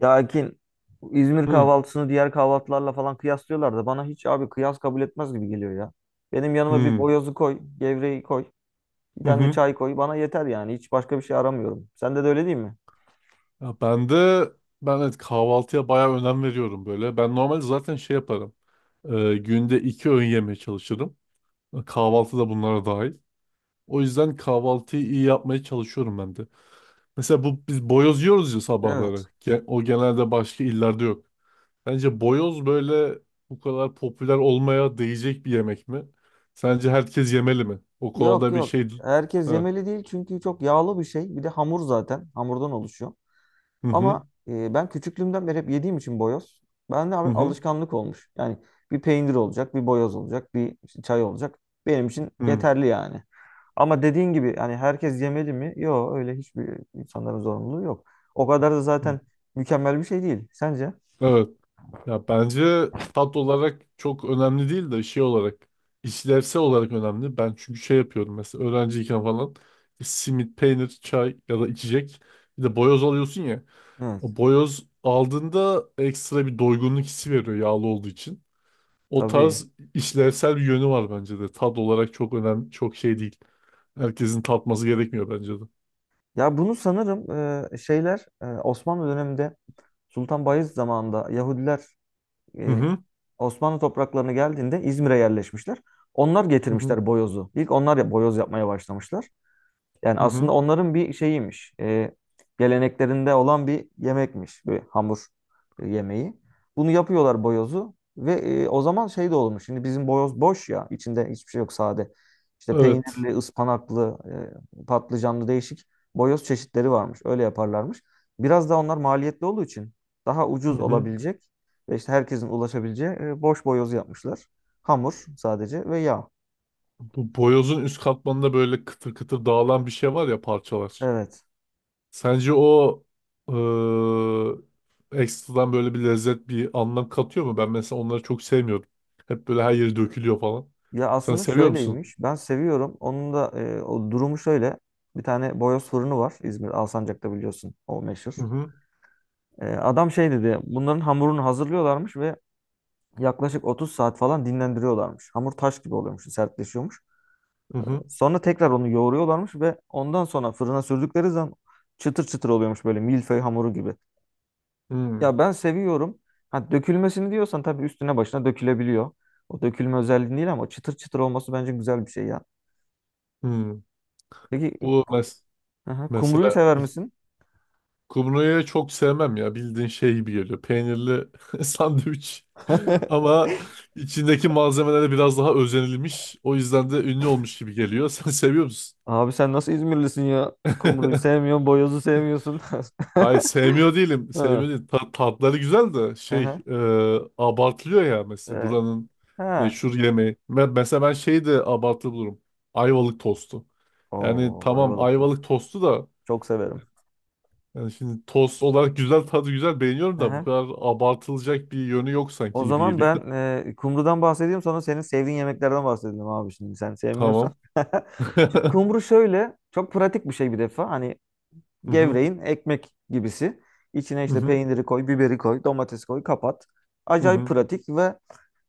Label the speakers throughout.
Speaker 1: Ya Akin İzmir
Speaker 2: Hı
Speaker 1: kahvaltısını diğer kahvaltılarla falan kıyaslıyorlar da bana hiç abi kıyas kabul etmez gibi geliyor ya. Benim yanıma bir
Speaker 2: hı
Speaker 1: boyozu koy, gevreği koy, bir
Speaker 2: hı.
Speaker 1: tane de
Speaker 2: Hı.
Speaker 1: çay koy bana yeter yani hiç başka bir şey aramıyorum. Sende de öyle değil mi?
Speaker 2: Ya ben evet, kahvaltıya bayağı önem veriyorum böyle. Ben normalde zaten şey yaparım. Ee, Günde iki öğün yemeye çalışırım. Kahvaltı da bunlara dahil. O yüzden kahvaltıyı iyi yapmaya çalışıyorum ben de. Mesela bu biz boyoz yiyoruz ya sabahları.
Speaker 1: Evet.
Speaker 2: O genelde başka illerde yok. Bence boyoz böyle bu kadar popüler olmaya değecek bir yemek mi? Sence herkes yemeli mi? O
Speaker 1: Yok
Speaker 2: konuda bir
Speaker 1: yok.
Speaker 2: şey...
Speaker 1: Herkes
Speaker 2: Ha.
Speaker 1: yemeli değil çünkü çok yağlı bir şey. Bir de hamur zaten. Hamurdan oluşuyor.
Speaker 2: Hı hı
Speaker 1: Ama ben küçüklüğümden beri hep yediğim için boyoz. Bende
Speaker 2: hı
Speaker 1: abi
Speaker 2: hı.
Speaker 1: alışkanlık olmuş. Yani bir peynir olacak, bir boyoz olacak, bir işte çay olacak. Benim için
Speaker 2: Hı.
Speaker 1: yeterli yani. Ama dediğin gibi hani herkes yemeli mi? Yok öyle hiçbir insanların zorunluluğu yok. O kadar da
Speaker 2: Hı.
Speaker 1: zaten mükemmel bir şey değil. Sence?
Speaker 2: Evet. Ya bence tat olarak çok önemli değil de şey olarak işlevsel olarak önemli. Ben çünkü şey yapıyorum, mesela öğrenciyken falan işte simit, peynir, çay ya da içecek, bir de boyoz alıyorsun ya.
Speaker 1: Evet,
Speaker 2: O boyoz aldığında ekstra bir doygunluk hissi veriyor yağlı olduğu için. O
Speaker 1: tabii.
Speaker 2: tarz işlevsel bir yönü var bence de. Tat olarak çok önemli, çok şey değil. Herkesin tatması gerekmiyor bence de.
Speaker 1: Ya bunu sanırım şeyler Osmanlı döneminde Sultan Bayezid zamanında Yahudiler
Speaker 2: Hı
Speaker 1: e,
Speaker 2: hı,
Speaker 1: Osmanlı topraklarına geldiğinde İzmir'e yerleşmişler. Onlar
Speaker 2: hı hı,
Speaker 1: getirmişler boyozu. İlk onlar ya boyoz yapmaya başlamışlar. Yani
Speaker 2: hı
Speaker 1: aslında
Speaker 2: hı.
Speaker 1: onların bir şeyiymiş. Geleneklerinde olan bir yemekmiş. Bir hamur yemeği. Bunu yapıyorlar boyozu. Ve o zaman şey de olmuş. Şimdi bizim boyoz boş ya. İçinde hiçbir şey yok sade. İşte
Speaker 2: Evet.
Speaker 1: peynirli, ıspanaklı, patlıcanlı değişik boyoz çeşitleri varmış. Öyle yaparlarmış. Biraz da onlar maliyetli olduğu için daha
Speaker 2: Hı
Speaker 1: ucuz
Speaker 2: hı.
Speaker 1: olabilecek ve işte herkesin ulaşabileceği boş boyoz yapmışlar. Hamur sadece ve yağ.
Speaker 2: Bu boyozun üst katmanında böyle kıtır kıtır dağılan bir şey var ya, parçalar.
Speaker 1: Evet.
Speaker 2: Sence o ekstradan böyle bir lezzet, bir anlam katıyor mu? Ben mesela onları çok sevmiyorum. Hep böyle her yeri dökülüyor falan.
Speaker 1: Ya
Speaker 2: Sen
Speaker 1: aslında
Speaker 2: seviyor musun?
Speaker 1: şöyleymiş. Ben seviyorum. Onun da o durumu şöyle. Bir tane boyoz fırını var. İzmir Alsancak'ta biliyorsun. O
Speaker 2: Hı
Speaker 1: meşhur.
Speaker 2: hı.
Speaker 1: E, adam şey dedi. Bunların hamurunu hazırlıyorlarmış ve yaklaşık 30 saat falan dinlendiriyorlarmış. Hamur taş gibi oluyormuş, sertleşiyormuş.
Speaker 2: Hı hı.
Speaker 1: Sonra tekrar onu yoğuruyorlarmış ve ondan sonra fırına sürdükleri zaman çıtır çıtır oluyormuş böyle milföy hamuru gibi.
Speaker 2: Hı
Speaker 1: Ya ben seviyorum. Ha, dökülmesini diyorsan tabii üstüne başına dökülebiliyor. O dökülme özelliği değil ama çıtır çıtır olması bence güzel bir şey ya.
Speaker 2: hı.
Speaker 1: Peki.
Speaker 2: Bu mes
Speaker 1: Aha, kumruyu
Speaker 2: Mesela
Speaker 1: sever misin?
Speaker 2: kumruyu çok sevmem ya. Bildiğin şey gibi geliyor. Peynirli sandviç. Ama içindeki malzemelere biraz daha özenilmiş, o yüzden de ünlü olmuş gibi geliyor. Sen seviyor musun?
Speaker 1: Abi sen nasıl İzmirlisin ya? Kumruyu sevmiyorsun, boyozu sevmiyorsun.
Speaker 2: Hayır, sevmiyor değilim.
Speaker 1: Ha.
Speaker 2: Sevmiyor değil. Tatları güzel de
Speaker 1: Aha.
Speaker 2: abartılıyor ya mesela
Speaker 1: Ee,
Speaker 2: buranın
Speaker 1: ha.
Speaker 2: meşhur yemeği. Ve mesela ben şeyi de abartılı bulurum. Ayvalık tostu. Yani
Speaker 1: Oo,
Speaker 2: tamam,
Speaker 1: ayvalık tost.
Speaker 2: ayvalık tostu da
Speaker 1: Çok severim.
Speaker 2: yani şimdi tost olarak güzel, tadı güzel, beğeniyorum da bu
Speaker 1: Aha.
Speaker 2: kadar abartılacak bir yönü yok
Speaker 1: O
Speaker 2: sanki gibi
Speaker 1: zaman
Speaker 2: geliyor.
Speaker 1: ben kumrudan bahsedeyim sonra senin sevdiğin yemeklerden bahsedelim abi şimdi sen sevmiyorsan.
Speaker 2: Tamam.
Speaker 1: Şimdi kumru şöyle çok pratik bir şey bir defa. Hani
Speaker 2: Hı hı,
Speaker 1: gevreğin ekmek gibisi. İçine
Speaker 2: hı
Speaker 1: işte
Speaker 2: hı,
Speaker 1: peyniri koy, biberi koy, domates koy, kapat.
Speaker 2: hı
Speaker 1: Acayip
Speaker 2: hı.
Speaker 1: pratik ve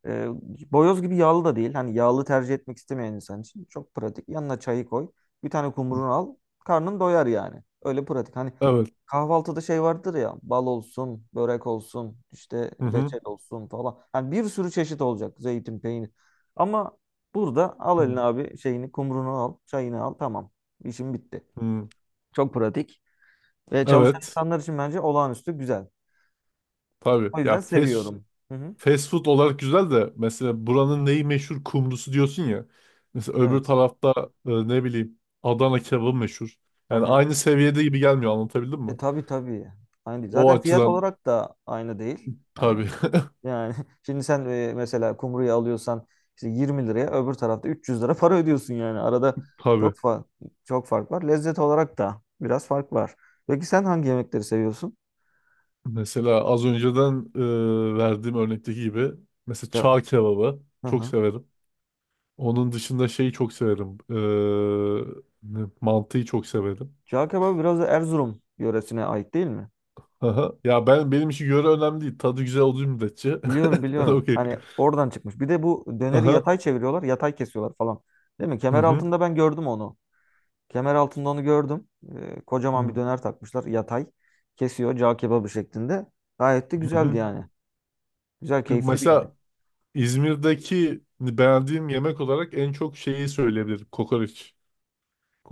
Speaker 1: E, boyoz gibi yağlı da değil. Hani yağlı tercih etmek istemeyen insan için çok pratik. Yanına çayı koy. Bir tane kumrunu al. Karnın doyar yani. Öyle pratik. Hani
Speaker 2: Evet.
Speaker 1: kahvaltıda şey vardır ya. Bal olsun, börek olsun, işte
Speaker 2: Hı hı,
Speaker 1: reçel olsun falan. Yani bir sürü çeşit olacak. Zeytin, peynir. Ama burada al eline
Speaker 2: hı
Speaker 1: abi şeyini, kumrunu al, çayını al. Tamam. İşim bitti.
Speaker 2: hı.
Speaker 1: Çok pratik. Ve çalışan
Speaker 2: Evet.
Speaker 1: insanlar için bence olağanüstü güzel.
Speaker 2: Tabii.
Speaker 1: O yüzden seviyorum. Hı hı.
Speaker 2: Fast food olarak güzel de mesela buranın neyi meşhur, kumrusu diyorsun ya. Mesela öbür
Speaker 1: Evet.
Speaker 2: tarafta ne bileyim Adana kebabı meşhur. Yani
Speaker 1: Aha.
Speaker 2: aynı seviyede gibi gelmiyor, anlatabildim mi?
Speaker 1: E tabii tabii. Aynı değil.
Speaker 2: O
Speaker 1: Zaten fiyat
Speaker 2: açıdan
Speaker 1: olarak da aynı değil. Yani
Speaker 2: tabii,
Speaker 1: yani şimdi sen mesela kumruyu alıyorsan işte 20 liraya öbür tarafta 300 lira para ödüyorsun yani. Arada
Speaker 2: tabii.
Speaker 1: çok fa çok fark var. Lezzet olarak da biraz fark var. Peki sen hangi yemekleri seviyorsun?
Speaker 2: Mesela az önceden verdiğim örnekteki gibi mesela
Speaker 1: Tamam.
Speaker 2: çağ kebabı
Speaker 1: Hı
Speaker 2: çok
Speaker 1: hı.
Speaker 2: severim. Onun dışında şeyi çok severim. Mantıyı çok severim.
Speaker 1: Cağ kebabı biraz da Erzurum yöresine ait değil mi?
Speaker 2: Aha. Ya ben, benim için göre önemli değil. Tadı güzel olduğu müddetçe
Speaker 1: Biliyorum
Speaker 2: ben
Speaker 1: biliyorum.
Speaker 2: okey.
Speaker 1: Hani oradan çıkmış. Bir de bu döneri
Speaker 2: Aha.
Speaker 1: yatay çeviriyorlar, yatay kesiyorlar falan. Değil mi?
Speaker 2: Hı
Speaker 1: Kemer
Speaker 2: hı.
Speaker 1: altında ben gördüm onu. Kemer altında onu gördüm. Kocaman bir
Speaker 2: Hı.
Speaker 1: döner takmışlar. Yatay. Kesiyor. Cağ kebabı şeklinde. Gayet de
Speaker 2: Hı
Speaker 1: güzeldi
Speaker 2: hı.
Speaker 1: yani. Güzel, keyifli bir yemek.
Speaker 2: Mesela İzmir'deki beğendiğim yemek olarak en çok şeyi söyleyebilirim. Kokoreç.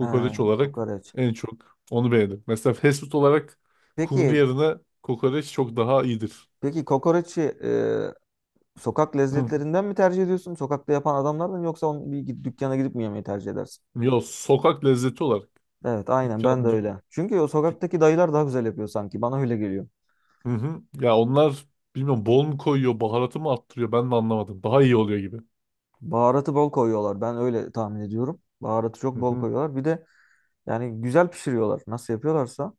Speaker 1: Ha,
Speaker 2: olarak
Speaker 1: kokoreç.
Speaker 2: en çok onu beğendim. Mesela fast food olarak kumru
Speaker 1: Peki,
Speaker 2: yerine kokoreç çok daha iyidir.
Speaker 1: peki, kokoreçi sokak
Speaker 2: Hı.
Speaker 1: lezzetlerinden mi tercih ediyorsun? Sokakta yapan adamlardan mı yoksa onu bir dükkana gidip mi yemeyi tercih edersin?
Speaker 2: Yo, sokak lezzeti olarak.
Speaker 1: Evet, aynen ben de
Speaker 2: Dükkan, dük-
Speaker 1: öyle. Çünkü o sokaktaki dayılar daha güzel yapıyor sanki. Bana öyle geliyor.
Speaker 2: Hı hı. Ya onlar, bilmiyorum bol mu koyuyor, baharatı mı arttırıyor, ben de anlamadım. Daha iyi oluyor gibi.
Speaker 1: Baharatı bol koyuyorlar. Ben öyle tahmin ediyorum. Baharatı
Speaker 2: Hı
Speaker 1: çok bol
Speaker 2: hı.
Speaker 1: koyuyorlar. Bir de yani güzel pişiriyorlar. Nasıl yapıyorlarsa.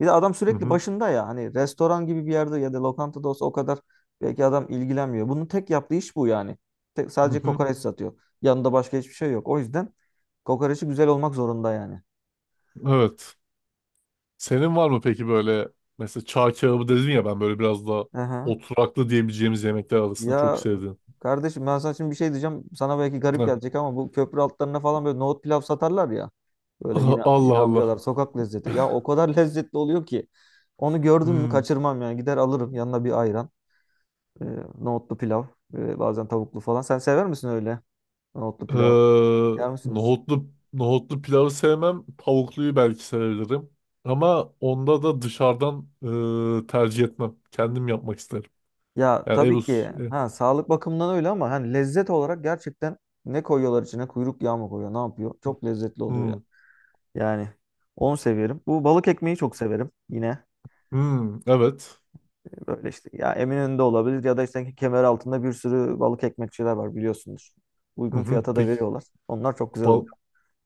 Speaker 1: Bir de adam
Speaker 2: Hı
Speaker 1: sürekli
Speaker 2: hı.
Speaker 1: başında ya. Hani restoran gibi bir yerde ya da lokantada olsa o kadar belki adam ilgilenmiyor. Bunun tek yaptığı iş bu yani. Tek,
Speaker 2: Hı
Speaker 1: sadece
Speaker 2: hı.
Speaker 1: kokoreç satıyor. Yanında başka hiçbir şey yok. O yüzden kokoreçi güzel olmak zorunda yani.
Speaker 2: Evet. Senin var mı peki böyle, mesela çağ kebabı dedin ya, ben böyle biraz daha
Speaker 1: Aha.
Speaker 2: oturaklı diyebileceğimiz yemekler arasında çok
Speaker 1: Ya
Speaker 2: sevdiğim.
Speaker 1: kardeşim ben sana şimdi bir şey diyeceğim. Sana belki garip
Speaker 2: Heh.
Speaker 1: gelecek ama bu köprü altlarına falan böyle nohut pilav satarlar ya. Böyle
Speaker 2: Aha,
Speaker 1: yine
Speaker 2: Allah
Speaker 1: yine
Speaker 2: Allah.
Speaker 1: amcalar sokak lezzeti. Ya o kadar lezzetli oluyor ki. Onu gördüm mü
Speaker 2: Hmm.
Speaker 1: kaçırmam yani. Gider alırım yanına bir ayran. E, nohutlu pilav. Bazen tavuklu falan. Sen sever misin öyle nohutlu pilav?
Speaker 2: Ee,
Speaker 1: Yer misin hiç?
Speaker 2: nohutlu pilavı sevmem. Tavukluyu belki sevebilirim. Ama onda da dışarıdan tercih etmem. Kendim yapmak isterim.
Speaker 1: Ya
Speaker 2: Yani ev
Speaker 1: tabii ki
Speaker 2: e,
Speaker 1: ha sağlık bakımından öyle ama hani lezzet olarak gerçekten ne koyuyorlar içine? Kuyruk yağı mı koyuyor? Ne yapıyor? Çok lezzetli oluyor ya.
Speaker 2: hmm.
Speaker 1: Yani onu severim. Bu balık ekmeği çok severim. Yine
Speaker 2: Hmm. Evet.
Speaker 1: böyle işte ya Eminönü'nde olabilir ya da işte kemer altında bir sürü balık ekmekçiler var biliyorsunuz.
Speaker 2: Hı
Speaker 1: Uygun
Speaker 2: hı.
Speaker 1: fiyata da
Speaker 2: Peki.
Speaker 1: veriyorlar. Onlar çok güzel
Speaker 2: Bal-
Speaker 1: oluyor.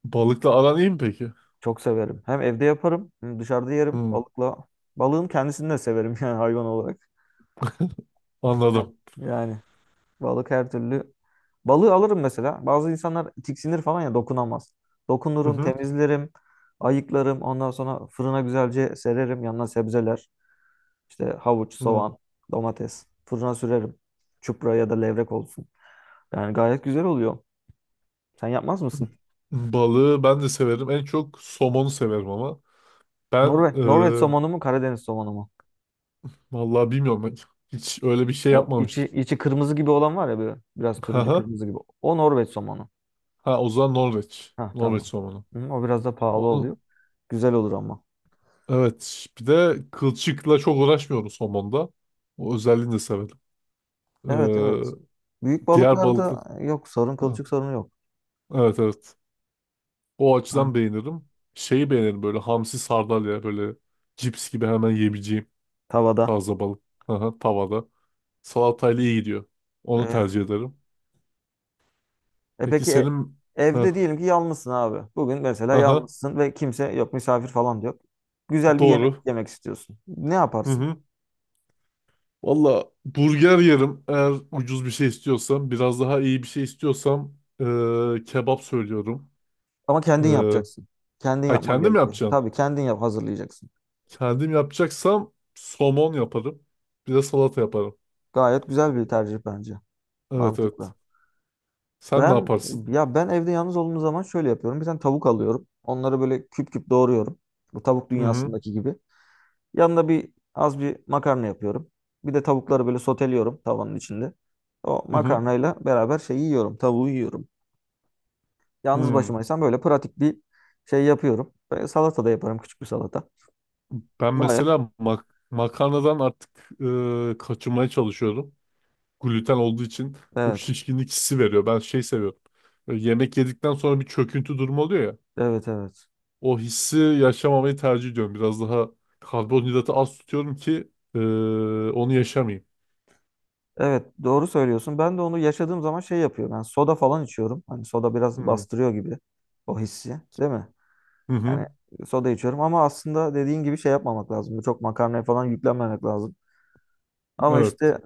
Speaker 2: Balıkla aran iyi mi peki?
Speaker 1: Çok severim. Hem evde yaparım, hem dışarıda yerim
Speaker 2: Hmm.
Speaker 1: balıkla. Balığın kendisini de severim yani hayvan olarak. Evet.
Speaker 2: Anladım.
Speaker 1: Yani balık her türlü. Balığı alırım mesela. Bazı insanlar tiksinir falan ya dokunamaz.
Speaker 2: Hı
Speaker 1: Dokunurum,
Speaker 2: hı.
Speaker 1: temizlerim, ayıklarım. Ondan sonra fırına güzelce sererim. Yanına sebzeler, işte havuç,
Speaker 2: Hı.
Speaker 1: soğan, domates. Fırına sürerim. Çupra ya da levrek olsun. Yani gayet güzel oluyor. Sen yapmaz mısın?
Speaker 2: Balığı ben de severim. En çok somonu severim ama. Ben
Speaker 1: Norveç,
Speaker 2: e,
Speaker 1: Norveç somonu mu, Karadeniz somonu mu?
Speaker 2: Vallahi bilmiyorum. Hiç öyle bir şey
Speaker 1: O içi
Speaker 2: yapmamıştım.
Speaker 1: içi kırmızı gibi olan var ya böyle biraz turuncu
Speaker 2: Haha.
Speaker 1: kırmızı gibi. O Norveç somonu.
Speaker 2: Ha o zaman Norveç.
Speaker 1: Ha
Speaker 2: Norveç
Speaker 1: tamam.
Speaker 2: somonu.
Speaker 1: Hı, o biraz da pahalı oluyor.
Speaker 2: Onu,
Speaker 1: Güzel olur ama.
Speaker 2: evet, bir de kılçıkla çok uğraşmıyorum somonda. O özelliğini de severim.
Speaker 1: Evet evet. Büyük
Speaker 2: E, diğer balıklı.
Speaker 1: balıklarda yok sorun
Speaker 2: Ha,
Speaker 1: kılçık sorunu yok.
Speaker 2: Evet evet. O
Speaker 1: Ha,
Speaker 2: açıdan beğenirim. Şeyi beğenirim böyle, hamsi, sardalya, böyle cips gibi hemen yiyebileceğim
Speaker 1: tavada.
Speaker 2: taze balık. Haha. Tavada. Salatayla iyi gidiyor. Onu
Speaker 1: Evet.
Speaker 2: tercih ederim.
Speaker 1: E
Speaker 2: Peki
Speaker 1: peki
Speaker 2: senin... Heh,
Speaker 1: evde diyelim ki yalnızsın abi. Bugün mesela
Speaker 2: aha,
Speaker 1: yalnızsın ve kimse yok misafir falan da yok. Güzel bir yemek
Speaker 2: doğru.
Speaker 1: yemek istiyorsun. Ne
Speaker 2: Hı
Speaker 1: yaparsın?
Speaker 2: hı. Valla burger yerim eğer ucuz bir şey istiyorsam. Biraz daha iyi bir şey istiyorsam kebap söylüyorum.
Speaker 1: Ama kendin
Speaker 2: Eee,
Speaker 1: yapacaksın. Kendin
Speaker 2: ha,
Speaker 1: yapman
Speaker 2: kendim
Speaker 1: gerekiyor.
Speaker 2: yapacağım.
Speaker 1: Tabii kendin yap hazırlayacaksın.
Speaker 2: Kendim yapacaksam somon yaparım. Bir de salata yaparım.
Speaker 1: Gayet güzel bir tercih bence.
Speaker 2: Evet evet.
Speaker 1: Mantıklı.
Speaker 2: Sen ne
Speaker 1: Ben
Speaker 2: yaparsın?
Speaker 1: ya ben evde yalnız olduğum zaman şöyle yapıyorum. Bir tane tavuk alıyorum. Onları böyle küp küp doğruyorum. Bu tavuk
Speaker 2: Hı hı.
Speaker 1: dünyasındaki gibi. Yanına bir az bir makarna yapıyorum. Bir de tavukları böyle soteliyorum tavanın içinde. O
Speaker 2: Hı hı.
Speaker 1: makarnayla beraber şey yiyorum, tavuğu yiyorum. Yalnız
Speaker 2: Hı.
Speaker 1: başımaysam böyle pratik bir şey yapıyorum. Böyle salata da yaparım, küçük bir salata.
Speaker 2: Ben
Speaker 1: Baya.
Speaker 2: mesela makarnadan artık kaçınmaya çalışıyorum. Gluten olduğu için çok
Speaker 1: Evet,
Speaker 2: şişkinlik hissi veriyor. Ben şey seviyorum. Böyle yemek yedikten sonra bir çöküntü durumu oluyor ya.
Speaker 1: evet, evet.
Speaker 2: O hissi yaşamamayı tercih ediyorum. Biraz daha karbonhidratı az tutuyorum ki onu yaşamayayım.
Speaker 1: Evet, doğru söylüyorsun. Ben de onu yaşadığım zaman şey yapıyorum. Yani soda falan içiyorum. Hani soda
Speaker 2: Hı
Speaker 1: biraz
Speaker 2: hı.
Speaker 1: bastırıyor gibi o hissi, değil mi?
Speaker 2: Hı
Speaker 1: Yani
Speaker 2: hı.
Speaker 1: soda içiyorum ama aslında dediğin gibi şey yapmamak lazım. Çok makarnaya falan yüklenmemek lazım. Ama
Speaker 2: Evet.
Speaker 1: işte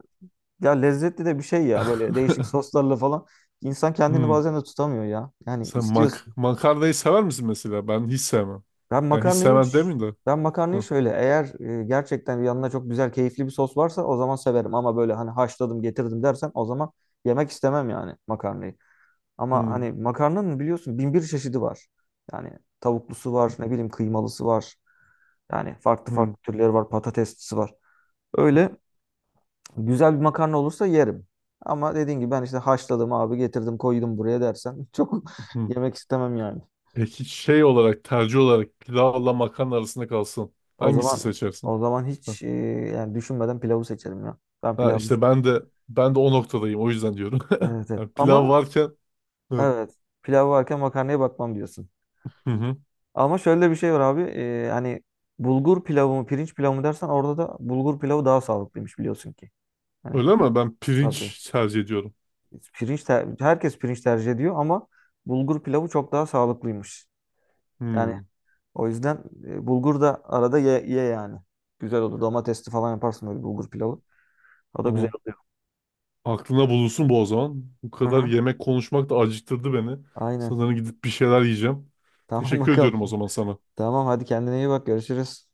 Speaker 1: ya lezzetli de bir şey ya böyle değişik soslarla falan. İnsan kendini
Speaker 2: Hmm.
Speaker 1: bazen de tutamıyor ya. Yani
Speaker 2: Sen
Speaker 1: istiyorsun.
Speaker 2: makarnayı sever misin mesela? Ben hiç sevmem.
Speaker 1: Ben
Speaker 2: Ben hiç
Speaker 1: makarnayı
Speaker 2: sevmem demeyeyim de.
Speaker 1: ben makarnayı
Speaker 2: Hı.
Speaker 1: şöyle eğer gerçekten yanına çok güzel keyifli bir sos varsa o zaman severim ama böyle hani haşladım getirdim dersen o zaman yemek istemem yani makarnayı. Ama
Speaker 2: Hı.
Speaker 1: hani makarnanın biliyorsun bin bir çeşidi var. Yani tavuklusu var, ne bileyim kıymalısı var. Yani farklı
Speaker 2: Hı.
Speaker 1: farklı türleri var, patateslisi var. Öyle güzel bir makarna olursa yerim. Ama dediğin gibi ben işte haşladım abi getirdim koydum buraya dersen çok
Speaker 2: Hı.
Speaker 1: yemek istemem yani.
Speaker 2: Peki şey olarak, tercih olarak pilavla makarna arasında kalsın.
Speaker 1: O
Speaker 2: Hangisini
Speaker 1: zaman o
Speaker 2: seçersin?
Speaker 1: zaman hiç yani düşünmeden pilavı seçerim ya. Ben
Speaker 2: Ha
Speaker 1: pilavı.
Speaker 2: işte ben de Ben de o noktadayım, o yüzden diyorum.
Speaker 1: Evet, evet.
Speaker 2: Yani pilav
Speaker 1: Ama
Speaker 2: varken, evet.
Speaker 1: evet pilav varken makarnaya bakmam diyorsun.
Speaker 2: Hı hı.
Speaker 1: Ama şöyle bir şey var abi hani bulgur pilavı mı pirinç pilavı mı dersen orada da bulgur pilavı daha sağlıklıymış biliyorsun ki. Hani
Speaker 2: Öyle
Speaker 1: bu
Speaker 2: mi? Ben
Speaker 1: tabii
Speaker 2: pirinç tercih ediyorum.
Speaker 1: herkes pirinç tercih ediyor ama bulgur pilavı çok daha sağlıklıymış. Yani
Speaker 2: Hmm,
Speaker 1: o yüzden bulgur da arada ye, ye yani. Güzel olur. Domatesli falan yaparsın böyle bulgur pilavı. O da güzel
Speaker 2: tamam.
Speaker 1: olur.
Speaker 2: Aklına bulunsun bu o zaman. Bu kadar
Speaker 1: Aha,
Speaker 2: yemek konuşmak da acıktırdı beni.
Speaker 1: aynen.
Speaker 2: Sanırım gidip bir şeyler yiyeceğim.
Speaker 1: Tamam
Speaker 2: Teşekkür ediyorum o
Speaker 1: bakalım.
Speaker 2: zaman sana.
Speaker 1: Tamam hadi kendine iyi bak. Görüşürüz.